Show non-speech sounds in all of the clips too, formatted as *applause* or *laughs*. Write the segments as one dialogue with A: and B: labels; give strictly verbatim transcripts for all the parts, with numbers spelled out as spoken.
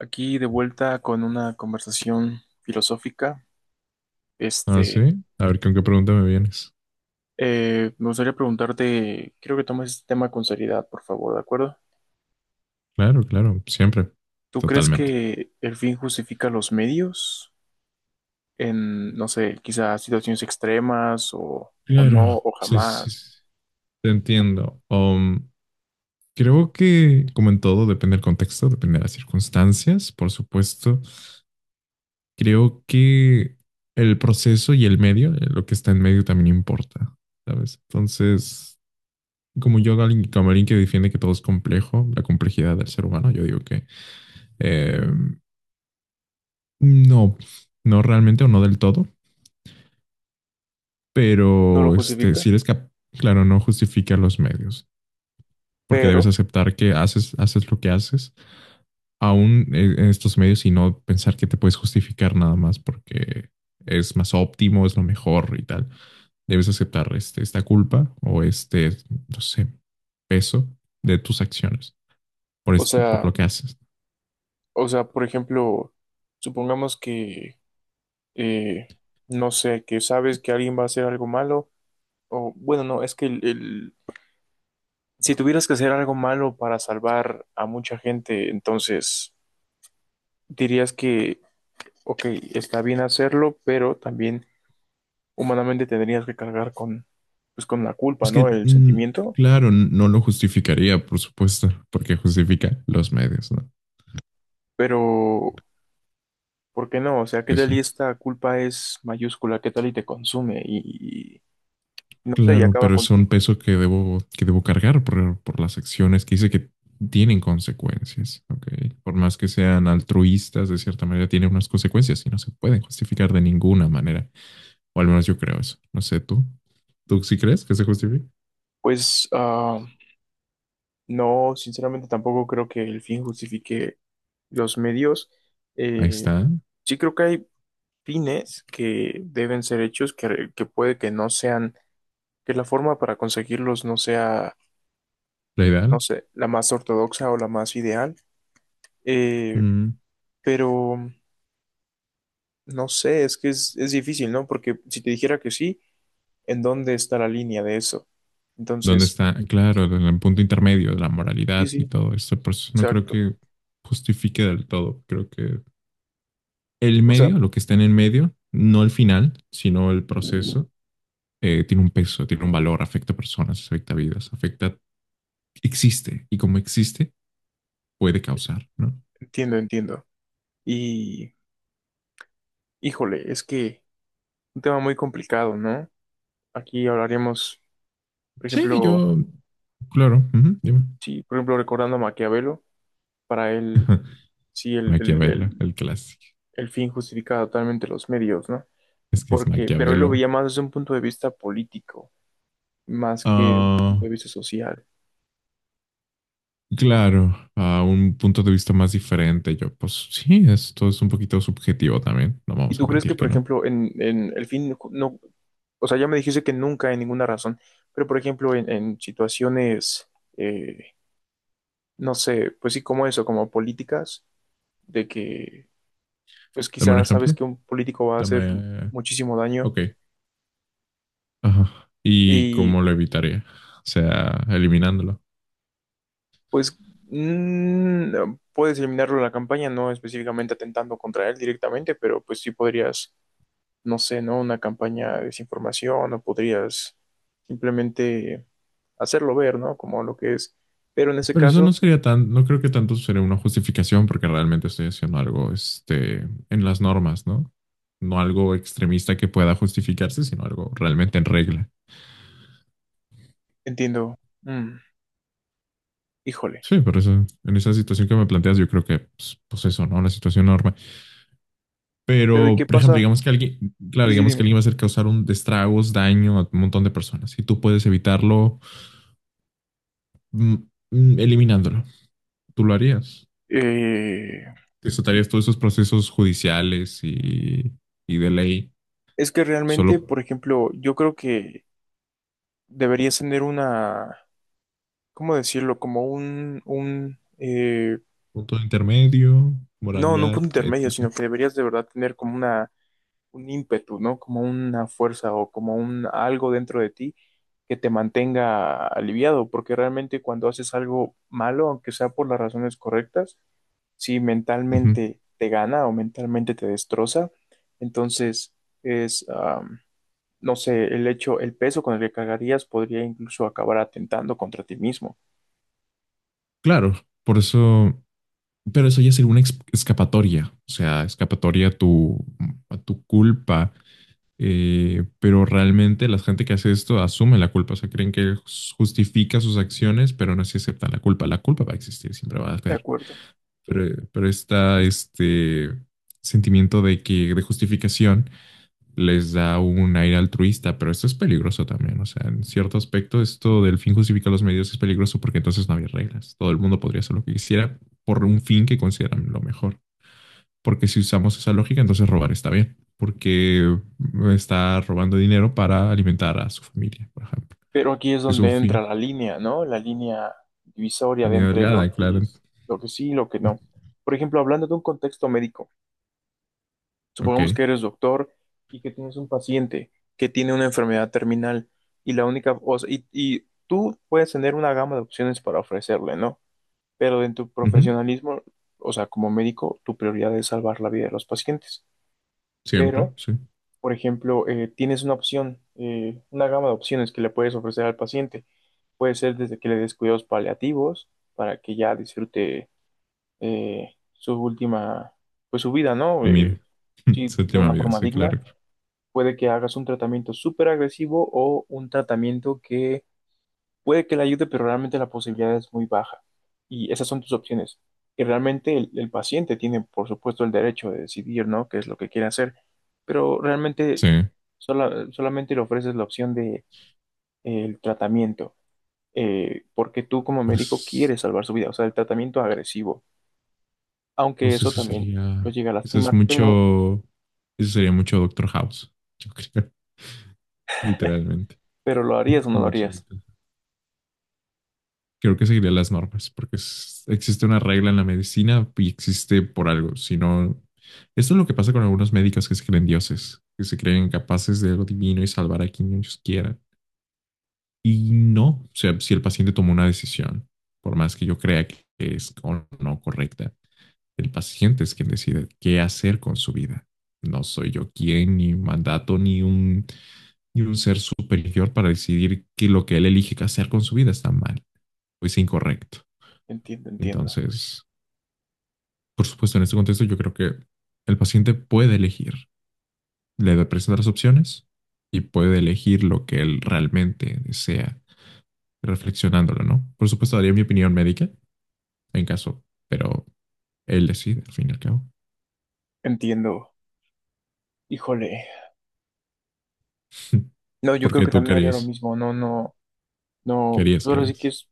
A: Aquí de vuelta con una conversación filosófica.
B: Ah, sí.
A: Este,
B: A ver, ¿con qué pregunta me vienes?
A: eh, Me gustaría preguntarte, quiero que tomes este tema con seriedad, por favor, ¿de acuerdo?
B: Claro, claro, siempre.
A: ¿Tú crees
B: Totalmente.
A: que el fin justifica los medios en, no sé, quizás situaciones extremas o, o no,
B: Claro,
A: o
B: sí, sí,
A: jamás?
B: sí. Te entiendo. Um, creo que, como en todo, depende del contexto, depende de las circunstancias, por supuesto. Creo que el proceso y el medio, eh, lo que está en medio también importa, ¿sabes? Entonces, como yo, alguien- como alguien que defiende que todo es complejo, la complejidad del ser humano, yo digo que eh, no, no realmente o no del todo.
A: No lo
B: Pero este,
A: justifica,
B: si eres capaz, claro, no justifica los medios, porque debes
A: pero,
B: aceptar que haces, haces lo que haces, aún en estos medios, y no pensar que te puedes justificar nada más porque es más óptimo, es lo mejor y tal. Debes aceptar este, esta culpa o este, no sé, peso de tus acciones por,
A: o
B: este, por
A: sea,
B: lo que haces.
A: o sea, por ejemplo, supongamos que, eh, no sé, que sabes que alguien va a hacer algo malo, o bueno, no, es que el, el- si tuvieras que hacer algo malo para salvar a mucha gente, entonces dirías que, ok, está bien hacerlo, pero también humanamente tendrías que cargar con, pues, con la culpa,
B: Es
A: ¿no?
B: que,
A: El
B: mm,
A: sentimiento.
B: claro, no lo justificaría, por supuesto, porque justifica los medios, ¿no?
A: Pero, ¿por qué no? O sea, ¿qué
B: Sí,
A: tal y
B: sí.
A: esta culpa es mayúscula? ¿Qué tal y te consume? Y, y no sé, y
B: Claro,
A: acaba
B: pero son
A: contigo.
B: pesos que debo, que debo cargar por, por las acciones que hice que tienen consecuencias, ¿ok? Por más que sean altruistas, de cierta manera tienen unas consecuencias y no se pueden justificar de ninguna manera. O al menos yo creo eso. No sé tú. ¿Tú sí crees que se justifica?
A: Pues, ah, no, sinceramente tampoco creo que el fin justifique los medios.
B: Ahí
A: Eh,
B: está,
A: sí creo que hay fines que deben ser hechos, que, que puede que no sean, que la forma para conseguirlos no sea,
B: la
A: no
B: ideal.
A: sé, la más ortodoxa o la más ideal, eh,
B: Mm,
A: pero no sé, es que es, es difícil, ¿no? Porque si te dijera que sí, ¿en dónde está la línea de eso?
B: ¿dónde
A: Entonces,
B: está? Claro, en el punto intermedio de la
A: sí,
B: moralidad y
A: sí,
B: todo esto. Por eso no creo
A: exacto.
B: que justifique del todo. Creo que el
A: O sea,
B: medio, lo que está en el medio, no el final, sino el proceso, eh, tiene un peso, tiene un valor, afecta a personas, afecta a vidas, afecta, existe y como existe puede causar, ¿no?
A: entiendo, entiendo. Y, híjole, es que un tema muy complicado, ¿no? Aquí hablaremos, por
B: Sí,
A: ejemplo,
B: yo, claro, uh -huh, dime.
A: sí, por ejemplo, recordando a Maquiavelo, para él, sí, el,
B: Maquiavelo,
A: el,
B: el clásico.
A: el fin justifica totalmente los medios, ¿no?
B: Es que es
A: Porque, pero él lo
B: Maquiavelo.
A: veía más desde un punto de vista político, más que un punto
B: Ah,
A: de vista social.
B: claro, a un punto de vista más diferente, yo, pues sí, esto es un poquito subjetivo también, no
A: ¿Y
B: vamos a
A: tú crees que,
B: mentir
A: por
B: que no.
A: ejemplo, en, en el fin, no, o sea, ya me dijiste que nunca, en ninguna razón, pero, por ejemplo, en, en situaciones, eh, no sé, pues sí, como eso, como políticas, de que, pues
B: Dame un
A: quizás sabes
B: ejemplo.
A: que un político va a hacer
B: Dame,
A: muchísimo daño
B: ok. Ajá. ¿Y
A: y
B: cómo lo evitaría? O sea, eliminándolo.
A: pues mm, puedes eliminarlo en la campaña, no específicamente atentando contra él directamente, pero pues sí podrías, no sé, ¿no? Una campaña de desinformación o podrías simplemente hacerlo ver, ¿no? Como lo que es. Pero en ese
B: Pero eso
A: caso,
B: no sería tan, no creo que tanto sería una justificación porque realmente estoy haciendo algo, este, en las normas, ¿no? No algo extremista que pueda justificarse, sino algo realmente en regla.
A: entiendo, mm, híjole.
B: Sí, por eso, en esa situación que me planteas, yo creo que, pues, pues eso, ¿no? Una situación normal.
A: Pero ¿y
B: Pero,
A: qué
B: por ejemplo,
A: pasa?
B: digamos que alguien, claro,
A: Sí, sí,
B: digamos que
A: dime.
B: alguien va a hacer causar un destragos, daño a un montón de personas y tú puedes evitarlo. mm, mm, Eliminándolo. Tú lo harías.
A: Eh,
B: Te saltarías todos esos procesos judiciales y, y de ley,
A: es que realmente,
B: solo
A: por ejemplo, yo creo que deberías tener una, ¿cómo decirlo? Como un, un, eh,
B: punto intermedio,
A: no, no un
B: moralidad,
A: punto intermedio,
B: ética.
A: sino que deberías de verdad tener como una, un ímpetu, ¿no? Como una fuerza o como un algo dentro de ti que te mantenga aliviado, porque realmente cuando haces algo malo, aunque sea por las razones correctas, si
B: Ujú.
A: mentalmente te gana o mentalmente te destroza, entonces es, am, no sé, el hecho, el peso con el que cargarías podría incluso acabar atentando contra ti mismo,
B: Claro, por eso, pero eso ya sería una ex- escapatoria, o sea, escapatoria a tu, a tu culpa, eh, pero realmente la gente que hace esto asume la culpa, o sea, creen que justifica sus acciones, pero no se aceptan la culpa. La culpa va a existir, siempre va a
A: ¿de
B: haber,
A: acuerdo?
B: pero, pero está este sentimiento de que, de justificación, les da un aire altruista, pero esto es peligroso también. O sea, en cierto aspecto, esto del fin justifica los medios es peligroso porque entonces no había reglas. Todo el mundo podría hacer lo que quisiera por un fin que consideran lo mejor. Porque si usamos esa lógica, entonces robar está bien, porque está robando dinero para alimentar a su familia, por ejemplo.
A: Pero aquí es
B: Es un
A: donde entra
B: fin.
A: la línea, ¿no? La línea divisoria
B: La
A: de
B: línea
A: entre lo
B: delgada,
A: que
B: claro. *laughs*
A: es, lo que sí y lo que no. Por ejemplo, hablando de un contexto médico,
B: Ok.
A: supongamos que eres doctor y que tienes un paciente que tiene una enfermedad terminal y la única, o sea, y, y tú puedes tener una gama de opciones para ofrecerle, ¿no? Pero en tu
B: Uh -huh.
A: profesionalismo, o sea, como médico, tu prioridad es salvar la vida de los pacientes.
B: Siempre,
A: Pero,
B: sí.
A: por ejemplo, eh, tienes una opción, eh, una gama de opciones que le puedes ofrecer al paciente. Puede ser desde que le des cuidados paliativos para que ya disfrute eh, su última, pues su vida, ¿no?
B: Comida.
A: Eh,
B: *laughs*
A: sí, de
B: Séptima
A: una
B: vida,
A: forma
B: sí,
A: digna.
B: claro, claro.
A: Puede que hagas un tratamiento súper agresivo o un tratamiento que puede que le ayude, pero realmente la posibilidad es muy baja. Y esas son tus opciones. Y realmente el, el paciente tiene, por supuesto, el derecho de decidir, ¿no? Qué es lo que quiere hacer. Pero realmente
B: Sí.
A: sola- solamente le ofreces la opción de, eh, el tratamiento, eh, porque tú como médico
B: Pues,
A: quieres salvar su vida, o sea, el tratamiento agresivo, aunque
B: pues
A: eso
B: eso
A: también lo
B: sería,
A: llega a
B: eso es
A: lastimar, pero,
B: mucho, eso sería mucho Doctor House, yo creo, *laughs* literalmente.
A: pero ¿lo harías o no lo
B: Mucho
A: harías?
B: Doctor- Creo que seguiría las normas, porque es- existe una regla en la medicina y existe por algo. Si no, esto es lo que pasa con algunos médicos que se creen dioses, que se creen capaces de lo divino y salvar a quien ellos quieran. Y no, o sea, si el paciente tomó una decisión, por más que yo crea que es o no correcta, el paciente es quien decide qué hacer con su vida. No soy yo quien, ni mandato, ni un, ni un ser superior para decidir que lo que él elige que hacer con su vida está mal o es incorrecto.
A: Entiendo, entiendo,
B: Entonces, por supuesto, en este contexto yo creo que el paciente puede elegir. Le presentan las opciones y puede elegir lo que él realmente desea, reflexionándolo, ¿no? Por supuesto, daría mi opinión médica en caso, pero él decide al fin y al cabo.
A: entiendo. Híjole,
B: *laughs*
A: no, yo creo
B: Porque
A: que
B: tú
A: también haría lo
B: querías,
A: mismo, no, no, no, pues
B: querías,
A: ahora sí que
B: querías.
A: es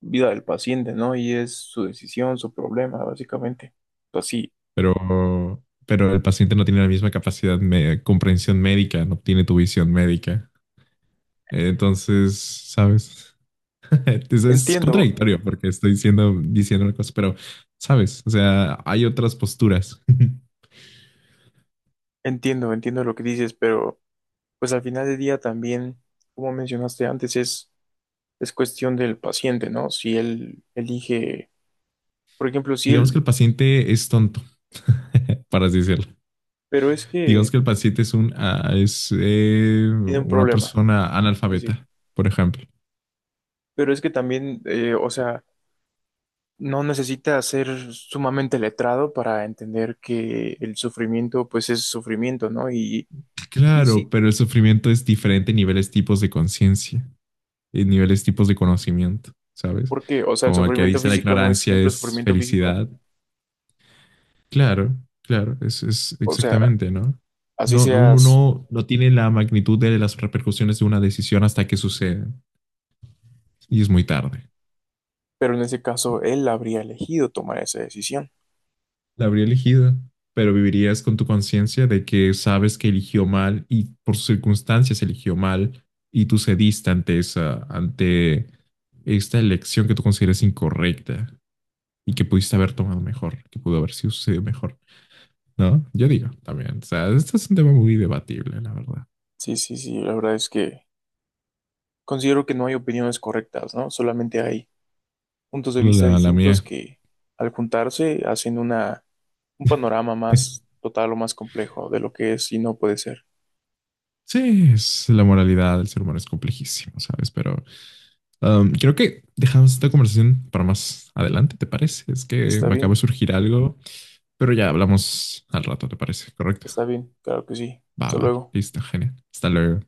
A: vida del paciente, ¿no? Y es su decisión, su problema, básicamente. Pues sí,
B: pero, pero el paciente no tiene la misma capacidad de comprensión médica, no tiene tu visión médica. Entonces, ¿sabes? *laughs* Entonces es
A: entiendo,
B: contradictorio porque estoy diciendo, diciendo una cosa, pero, ¿sabes? O sea, hay otras posturas. *laughs*
A: entiendo, entiendo lo que dices, pero pues al final del día también, como mencionaste antes, es, es cuestión del paciente, ¿no? Si él elige. Por ejemplo, sí,
B: Digamos que
A: el-
B: el paciente es tonto, *laughs* para así decirlo.
A: pero es
B: Digamos
A: que
B: que el paciente es, un, ah, es eh,
A: tiene un
B: una
A: problema.
B: persona
A: Sí, sí.
B: analfabeta, por ejemplo.
A: Pero es que también, eh, o sea, no necesita ser sumamente letrado para entender que el sufrimiento, pues es sufrimiento, ¿no? Y, y
B: Claro,
A: sí,
B: pero el sufrimiento es diferente en niveles, tipos de conciencia. Eh, niveles, tipos de conocimiento, ¿sabes?
A: porque, o sea, el
B: Como el que
A: sufrimiento
B: dice la
A: físico no es
B: ignorancia
A: siempre
B: es
A: sufrimiento físico.
B: felicidad. Claro, claro, es, es
A: O sea,
B: exactamente, ¿no?
A: así
B: No, uno
A: seas,
B: no, no tiene la magnitud de las repercusiones de una decisión hasta que sucede y es muy tarde.
A: pero en ese caso él habría elegido tomar esa decisión.
B: La habría elegido, pero vivirías con tu conciencia de que sabes que eligió mal y por sus circunstancias eligió mal y tú cediste ante esa, ante esta elección que tú consideras incorrecta y que pudiste haber tomado mejor, que pudo haber sido sucedido mejor. ¿No? Yo digo también. O sea, este es un tema muy debatible, la verdad.
A: Sí, sí, sí, la verdad es que considero que no hay opiniones correctas, ¿no? Solamente hay puntos de
B: Solo
A: vista
B: la, la
A: distintos
B: mía.
A: que al juntarse hacen una, un panorama más
B: *laughs*
A: total o más complejo de lo que es y no puede ser.
B: Sí, es, la moralidad del ser humano es complejísimo, ¿sabes? Pero um, creo que dejamos esta conversación para más adelante, ¿te parece? Es que
A: Está
B: me acaba de
A: bien,
B: surgir algo, pero ya hablamos al rato, ¿te parece? ¿Correcto?
A: está bien, claro que sí.
B: Va,
A: Hasta
B: va,
A: luego.
B: listo, genial. Hasta luego.